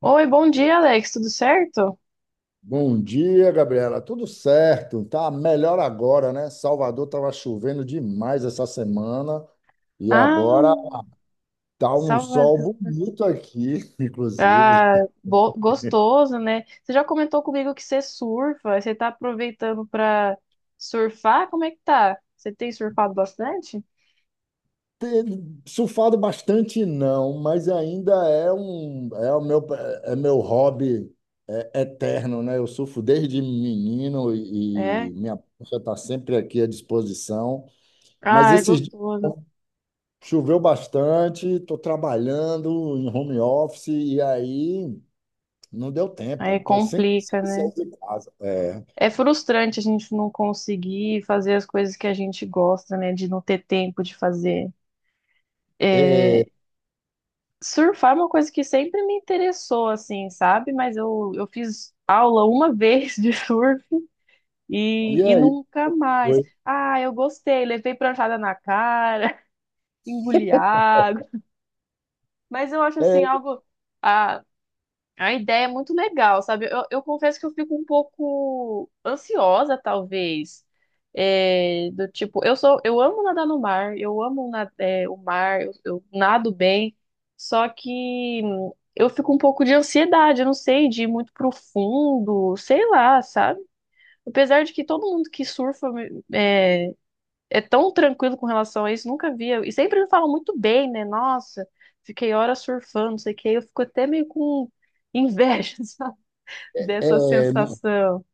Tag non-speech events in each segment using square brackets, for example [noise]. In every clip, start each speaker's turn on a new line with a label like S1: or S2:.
S1: Oi, bom dia, Alex. Tudo certo?
S2: Bom dia, Gabriela. Tudo certo? Tá melhor agora, né? Salvador estava chovendo demais essa semana e
S1: Ah,
S2: agora tá um sol
S1: Salvador.
S2: bonito aqui, [laughs] inclusive.
S1: Ah, gostoso, né? Você já comentou comigo que você surfa. Você tá aproveitando pra surfar? Como é que tá? Você tem surfado bastante?
S2: Tem surfado bastante não, mas ainda é um é o meu é meu hobby é, eterno, né? Eu surfo desde menino e,
S1: É.
S2: e minha prancha está sempre aqui à disposição. Mas
S1: Ah, é
S2: esses
S1: gostoso.
S2: Choveu bastante, estou trabalhando em home office e aí não deu tempo.
S1: Aí
S2: Estou sem
S1: complica, né?
S2: sair de casa. É,
S1: É frustrante a gente não conseguir fazer as coisas que a gente gosta, né? De não ter tempo de fazer. É,
S2: é,
S1: surfar é uma coisa que sempre me interessou, assim, sabe? Mas eu fiz aula uma [laughs] vez de surf e,
S2: e
S1: e
S2: aí?
S1: nunca
S2: Como
S1: mais.
S2: foi?
S1: Ah, eu gostei, levei pranchada na cara, [laughs] engoli água. Mas eu acho, assim,
S2: É,
S1: algo. Ah, a ideia é muito legal, sabe? Eu confesso que eu fico um pouco ansiosa, talvez. É, do tipo, eu amo nadar no mar, eu amo é, o mar, eu nado bem, só que eu fico um pouco de ansiedade, eu não sei, de ir muito profundo, sei lá, sabe? Apesar de que todo mundo que surfa é, é tão tranquilo com relação a isso, nunca via. E sempre me falam muito bem, né? Nossa, fiquei horas surfando, não sei o que. Eu fico até meio com inveja, [laughs] sabe? Dessa
S2: é, não,
S1: sensação.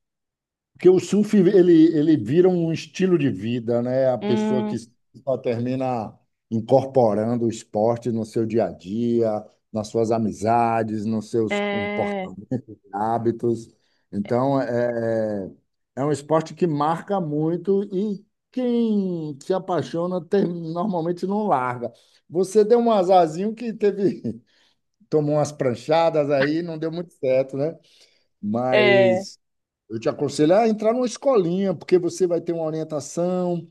S2: porque o surf ele vira um estilo de vida, né? A pessoa que
S1: Hum.
S2: só termina incorporando o esporte no seu dia a dia, nas suas amizades, nos seus
S1: É.
S2: hábitos. Então, é um esporte que marca muito e quem se apaixona normalmente não larga. Você deu um azarzinho que teve, [laughs] tomou umas pranchadas aí, não deu muito certo, né?
S1: É.
S2: Mas eu te aconselho a entrar numa escolinha, porque você vai ter uma orientação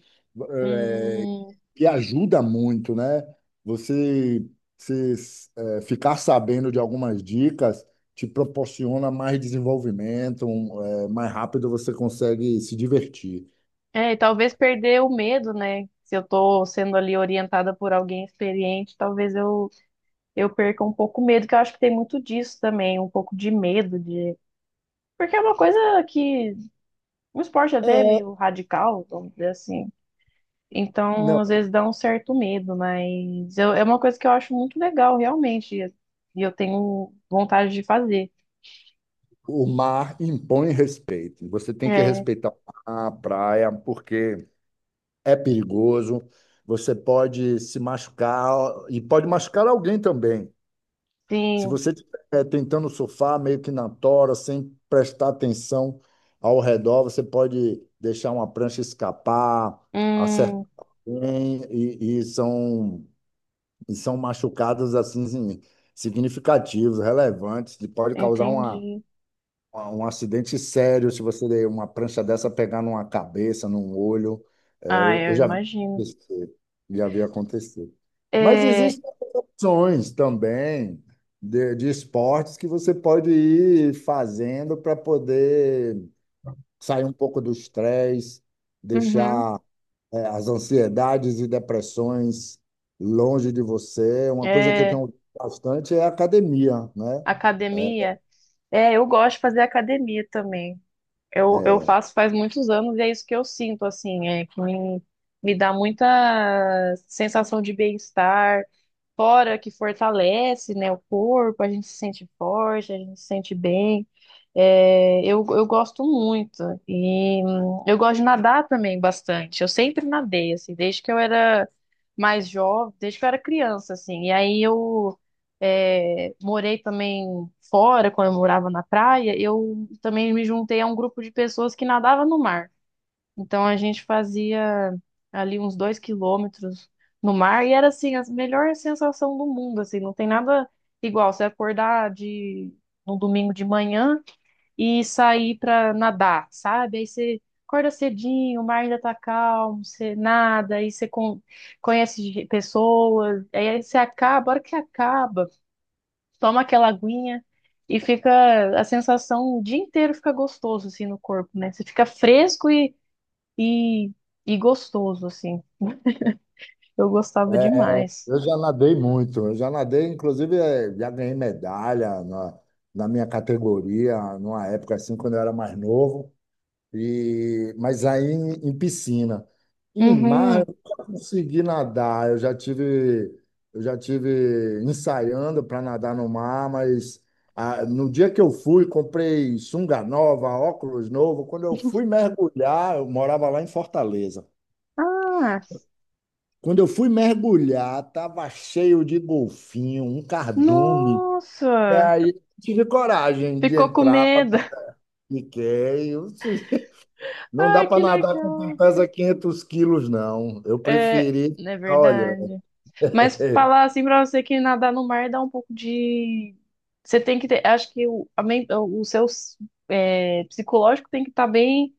S2: eh,
S1: Hum.
S2: que ajuda muito, né? Você, se, ficar sabendo de algumas dicas te proporciona mais desenvolvimento, mais rápido você consegue se divertir.
S1: É, e talvez perder o medo, né? Se eu tô sendo ali orientada por alguém experiente, talvez eu perca um pouco o medo, que eu acho que tem muito disso também, um pouco de medo de. Porque é uma coisa que. Um esporte até
S2: É,
S1: meio radical, vamos dizer assim. Então,
S2: não,
S1: às vezes dá um certo medo, é uma coisa que eu acho muito legal, realmente, e eu tenho vontade de fazer.
S2: o mar impõe respeito. Você tem que
S1: É,
S2: respeitar a praia, porque é perigoso. Você pode se machucar e pode machucar alguém também. Se
S1: sim.
S2: você estiver tentando surfar meio que na tora, sem prestar atenção ao redor, você pode deixar uma prancha escapar, acertar
S1: Hum,
S2: alguém, e são machucados assim significativos, relevantes, que pode causar uma
S1: entendi.
S2: ah, Um acidente sério. Se você der uma prancha dessa pegar numa cabeça, num olho,
S1: Ah,
S2: eu
S1: eu
S2: já vi
S1: imagino.
S2: acontecer, já vi acontecer. Mas
S1: É,
S2: existem outras opções também de esportes que você pode ir fazendo para poder sair um pouco do estresse,
S1: uhum,
S2: deixar, as ansiedades e depressões longe de você. Uma coisa que eu
S1: é,
S2: tenho bastante é a academia, né? É,
S1: academia. É, eu gosto de fazer academia também. Eu
S2: é,
S1: faço faz muitos anos e é isso que eu sinto, assim, é que me dá muita sensação de bem-estar. Fora que fortalece, né, o corpo, a gente se sente forte, a gente se sente bem. É, eu gosto muito e eu gosto de nadar também bastante. Eu sempre nadei, assim, desde que eu era mais jovem, desde que eu era criança, assim. E aí eu morei também fora, quando eu morava na praia, eu também me juntei a um grupo de pessoas que nadava no mar. Então a gente fazia ali uns 2 quilômetros no mar e era assim a melhor sensação do mundo, assim, não tem nada igual você acordar de no domingo de manhã e sair para nadar, sabe? Aí você acorda cedinho, o mar ainda tá calmo, você nada, aí você conhece pessoas, aí você acaba, a hora que acaba, toma aquela aguinha e fica a sensação o dia inteiro fica gostoso assim no corpo, né? Você fica fresco e, e gostoso, assim. Eu gostava
S2: É,
S1: demais.
S2: eu já nadei muito, eu já nadei, inclusive já ganhei medalha na minha categoria, numa época assim, quando eu era mais novo, mas aí em piscina. Em mar,
S1: Uhum.
S2: eu nunca consegui nadar, eu já tive ensaiando para nadar no mar, mas no dia que eu fui, comprei sunga nova, óculos novo, quando eu fui mergulhar, eu morava lá em Fortaleza.
S1: Ah,
S2: Quando eu fui mergulhar, estava cheio de golfinho, um cardume. E
S1: nossa!
S2: aí eu tive coragem de
S1: Ficou com
S2: entrar,
S1: medo. [laughs]
S2: fiquei. Eu disse, não dá
S1: Ai,
S2: para
S1: que
S2: nadar com quem
S1: legal.
S2: pesa 500 quilos, não. Eu preferi,
S1: É
S2: olha, [laughs]
S1: verdade. Mas falar assim pra você que nadar no mar dá um pouco de. Você tem que ter. Acho que o seu psicológico tem que estar bem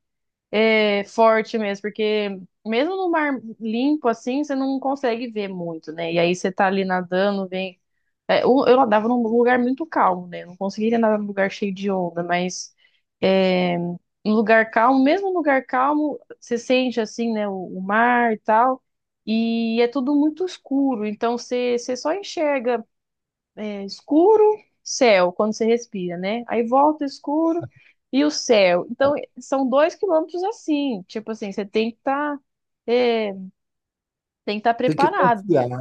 S1: forte mesmo, porque mesmo no mar limpo assim, você não consegue ver muito, né? E aí você tá ali nadando, vem. É, eu nadava num lugar muito calmo, né? Eu não conseguiria nadar num lugar cheio de onda, mas um lugar calmo, mesmo um lugar calmo, você sente assim, né? O mar e tal, e é tudo muito escuro, então você só enxerga escuro, céu, quando você respira, né? Aí volta o escuro e o céu. Então são 2 quilômetros assim, tipo assim, você tem que estar. Tem que estar
S2: tem que
S1: preparado,
S2: confiar, né?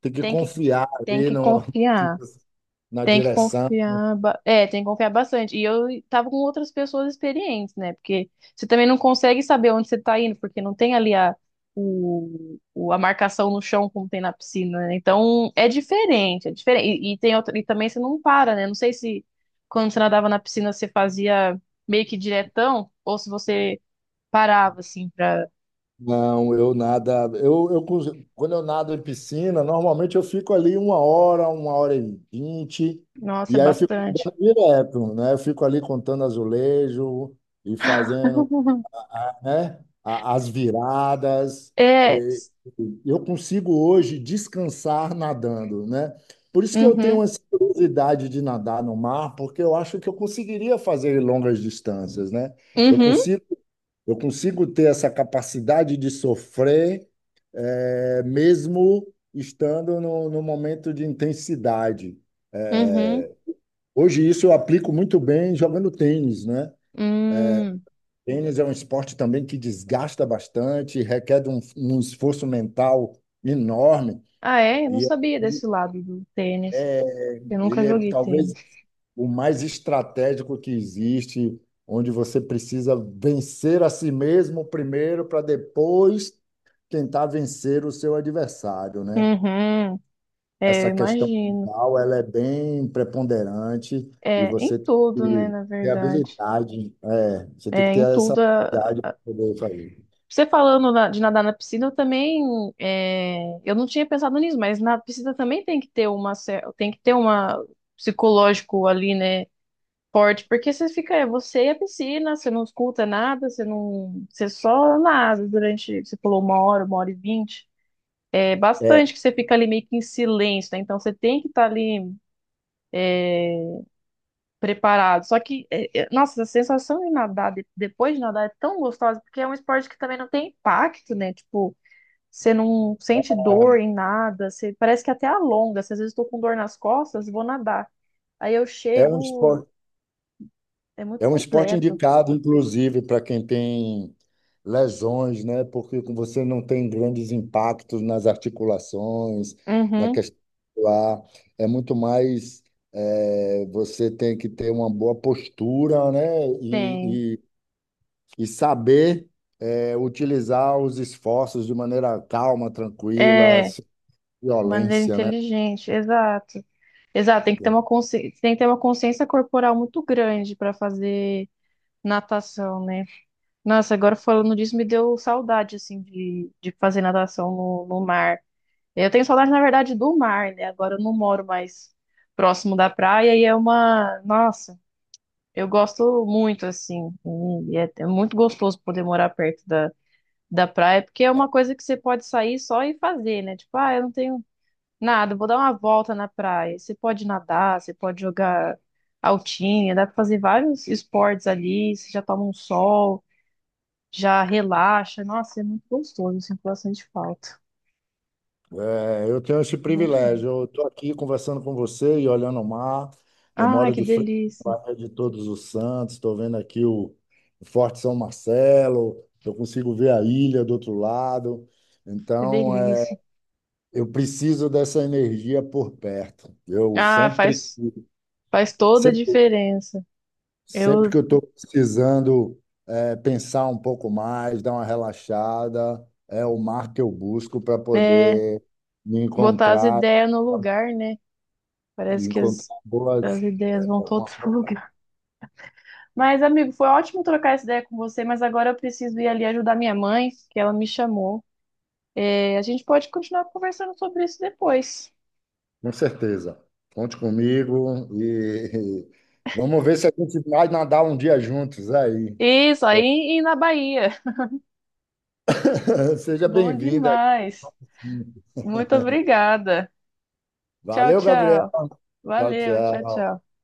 S2: Tem que
S1: tem que,
S2: confiar
S1: tem
S2: ali
S1: que
S2: no,
S1: confiar.
S2: [laughs] na
S1: Tem que
S2: direção.
S1: confiar, é, tem que confiar bastante. E eu tava com outras pessoas experientes, né? Porque você também não consegue saber onde você tá indo, porque não tem ali a marcação no chão como tem na piscina, né? Então é diferente, é diferente. E tem outra, e também você não para, né? Não sei se quando você nadava na piscina você fazia meio que diretão, ou se você parava, assim, pra.
S2: Não, eu nada. Quando eu nado em piscina, normalmente eu fico ali uma hora e 20,
S1: Nossa, é
S2: e aí eu fico
S1: bastante.
S2: nadando direto, né? Eu fico ali contando azulejo e fazendo
S1: [laughs]
S2: né? As viradas.
S1: É.
S2: E- Eu consigo hoje descansar nadando, né? Por isso que eu tenho
S1: Uhum,
S2: essa curiosidade de nadar no mar, porque eu acho que eu conseguiria fazer longas distâncias, né? Eu
S1: uhum,
S2: consigo, eu consigo ter essa capacidade de sofrer, mesmo estando no momento de intensidade.
S1: uhum, uhum.
S2: Hoje isso eu aplico muito bem jogando tênis, né?
S1: Hum.
S2: Tênis é um esporte também que desgasta bastante, requer um esforço mental enorme,
S1: Ah, é? Eu não
S2: e
S1: sabia desse lado do tênis. Eu
S2: ele
S1: nunca
S2: é
S1: joguei tênis.
S2: talvez o mais estratégico que existe, onde você precisa vencer a si mesmo primeiro para depois tentar vencer o seu adversário, né?
S1: Uhum. É, eu
S2: Essa questão
S1: imagino.
S2: mental, ela é bem preponderante e
S1: É,
S2: você
S1: em
S2: tem
S1: tudo, né,
S2: que
S1: na
S2: ter
S1: verdade.
S2: habilidade, é, você tem que
S1: É,
S2: ter
S1: em
S2: essa
S1: tudo.
S2: habilidade para poder fazer.
S1: Você falando de nadar na piscina, eu também. É, eu não tinha pensado nisso, mas na piscina também tem que ter uma psicológico ali, né, forte, porque você fica, é você e a piscina, você não escuta nada, você não, você só nada durante, você falou uma hora, 1h20. É
S2: É,
S1: bastante que você fica ali meio que em silêncio, né? Então você tem que estar ali preparado. Só que, é, é, nossa, a sensação de nadar, depois de nadar, é tão gostosa, porque é um esporte que também não tem impacto, né? Tipo, você não sente
S2: é,
S1: dor em nada, parece que até alonga. Se às vezes estou com dor nas costas, vou nadar. Aí eu
S2: É um
S1: chego,
S2: esporte,
S1: é muito
S2: é um esporte
S1: completo.
S2: indicado, inclusive, para quem tem lesões, né? Porque você não tem grandes impactos nas articulações, na
S1: Uhum,
S2: questão lá. É muito mais, você tem que ter uma boa postura, né?
S1: tem.
S2: E saber, utilizar os esforços de maneira calma, tranquila,
S1: É, de
S2: sem
S1: maneira
S2: violência, né?
S1: inteligente, exato. Exato, tem que ter uma consciência, tem que ter uma consciência corporal muito grande para fazer natação, né? Nossa, agora falando disso, me deu saudade, assim, de fazer natação no mar. Eu tenho saudade, na verdade, do mar, né? Agora eu não moro mais próximo da praia e é uma. Nossa, eu gosto muito, assim. É muito gostoso poder morar perto da praia, porque é uma coisa que você pode sair só e fazer, né? Tipo, ah, eu não tenho nada, vou dar uma volta na praia. Você pode nadar, você pode jogar altinha, dá pra fazer vários esportes ali, você já toma um sol, já relaxa. Nossa, é muito gostoso, sinto bastante falta.
S2: É, eu tenho esse
S1: Bom demais.
S2: privilégio. Eu estou aqui conversando com você e olhando o mar. Eu
S1: Ai,
S2: moro
S1: que
S2: de frente à
S1: delícia,
S2: Baía de Todos os Santos. Estou vendo aqui o Forte São Marcelo. Eu consigo ver a ilha do outro lado.
S1: que
S2: Então,
S1: delícia.
S2: eu preciso dessa energia por perto. Eu
S1: Ah,
S2: sempre,
S1: faz toda a
S2: sempre,
S1: diferença.
S2: sempre que
S1: Eu,
S2: eu estou precisando, pensar um pouco mais, dar uma relaxada, é o mar que eu busco para
S1: é,
S2: poder me
S1: botar as
S2: encontrar,
S1: ideias no lugar, né? Parece que as,
S2: encontrar
S1: as
S2: boas.
S1: ideias vão todas pro [laughs] lugar. Mas, amigo, foi ótimo trocar essa ideia com você, mas agora eu preciso ir ali ajudar minha mãe, que ela me chamou. É, a gente pode continuar conversando sobre isso depois.
S2: Com certeza. Conte comigo e [laughs] vamos ver se a gente vai nadar um dia juntos aí.
S1: Isso, aí e na Bahia.
S2: [laughs]
S1: [laughs]
S2: Seja
S1: Bom
S2: bem-vinda aqui.
S1: demais. Muito obrigada. Tchau,
S2: Valeu, Gabriel.
S1: tchau.
S2: Tchau,
S1: Valeu, tchau,
S2: tchau.
S1: tchau.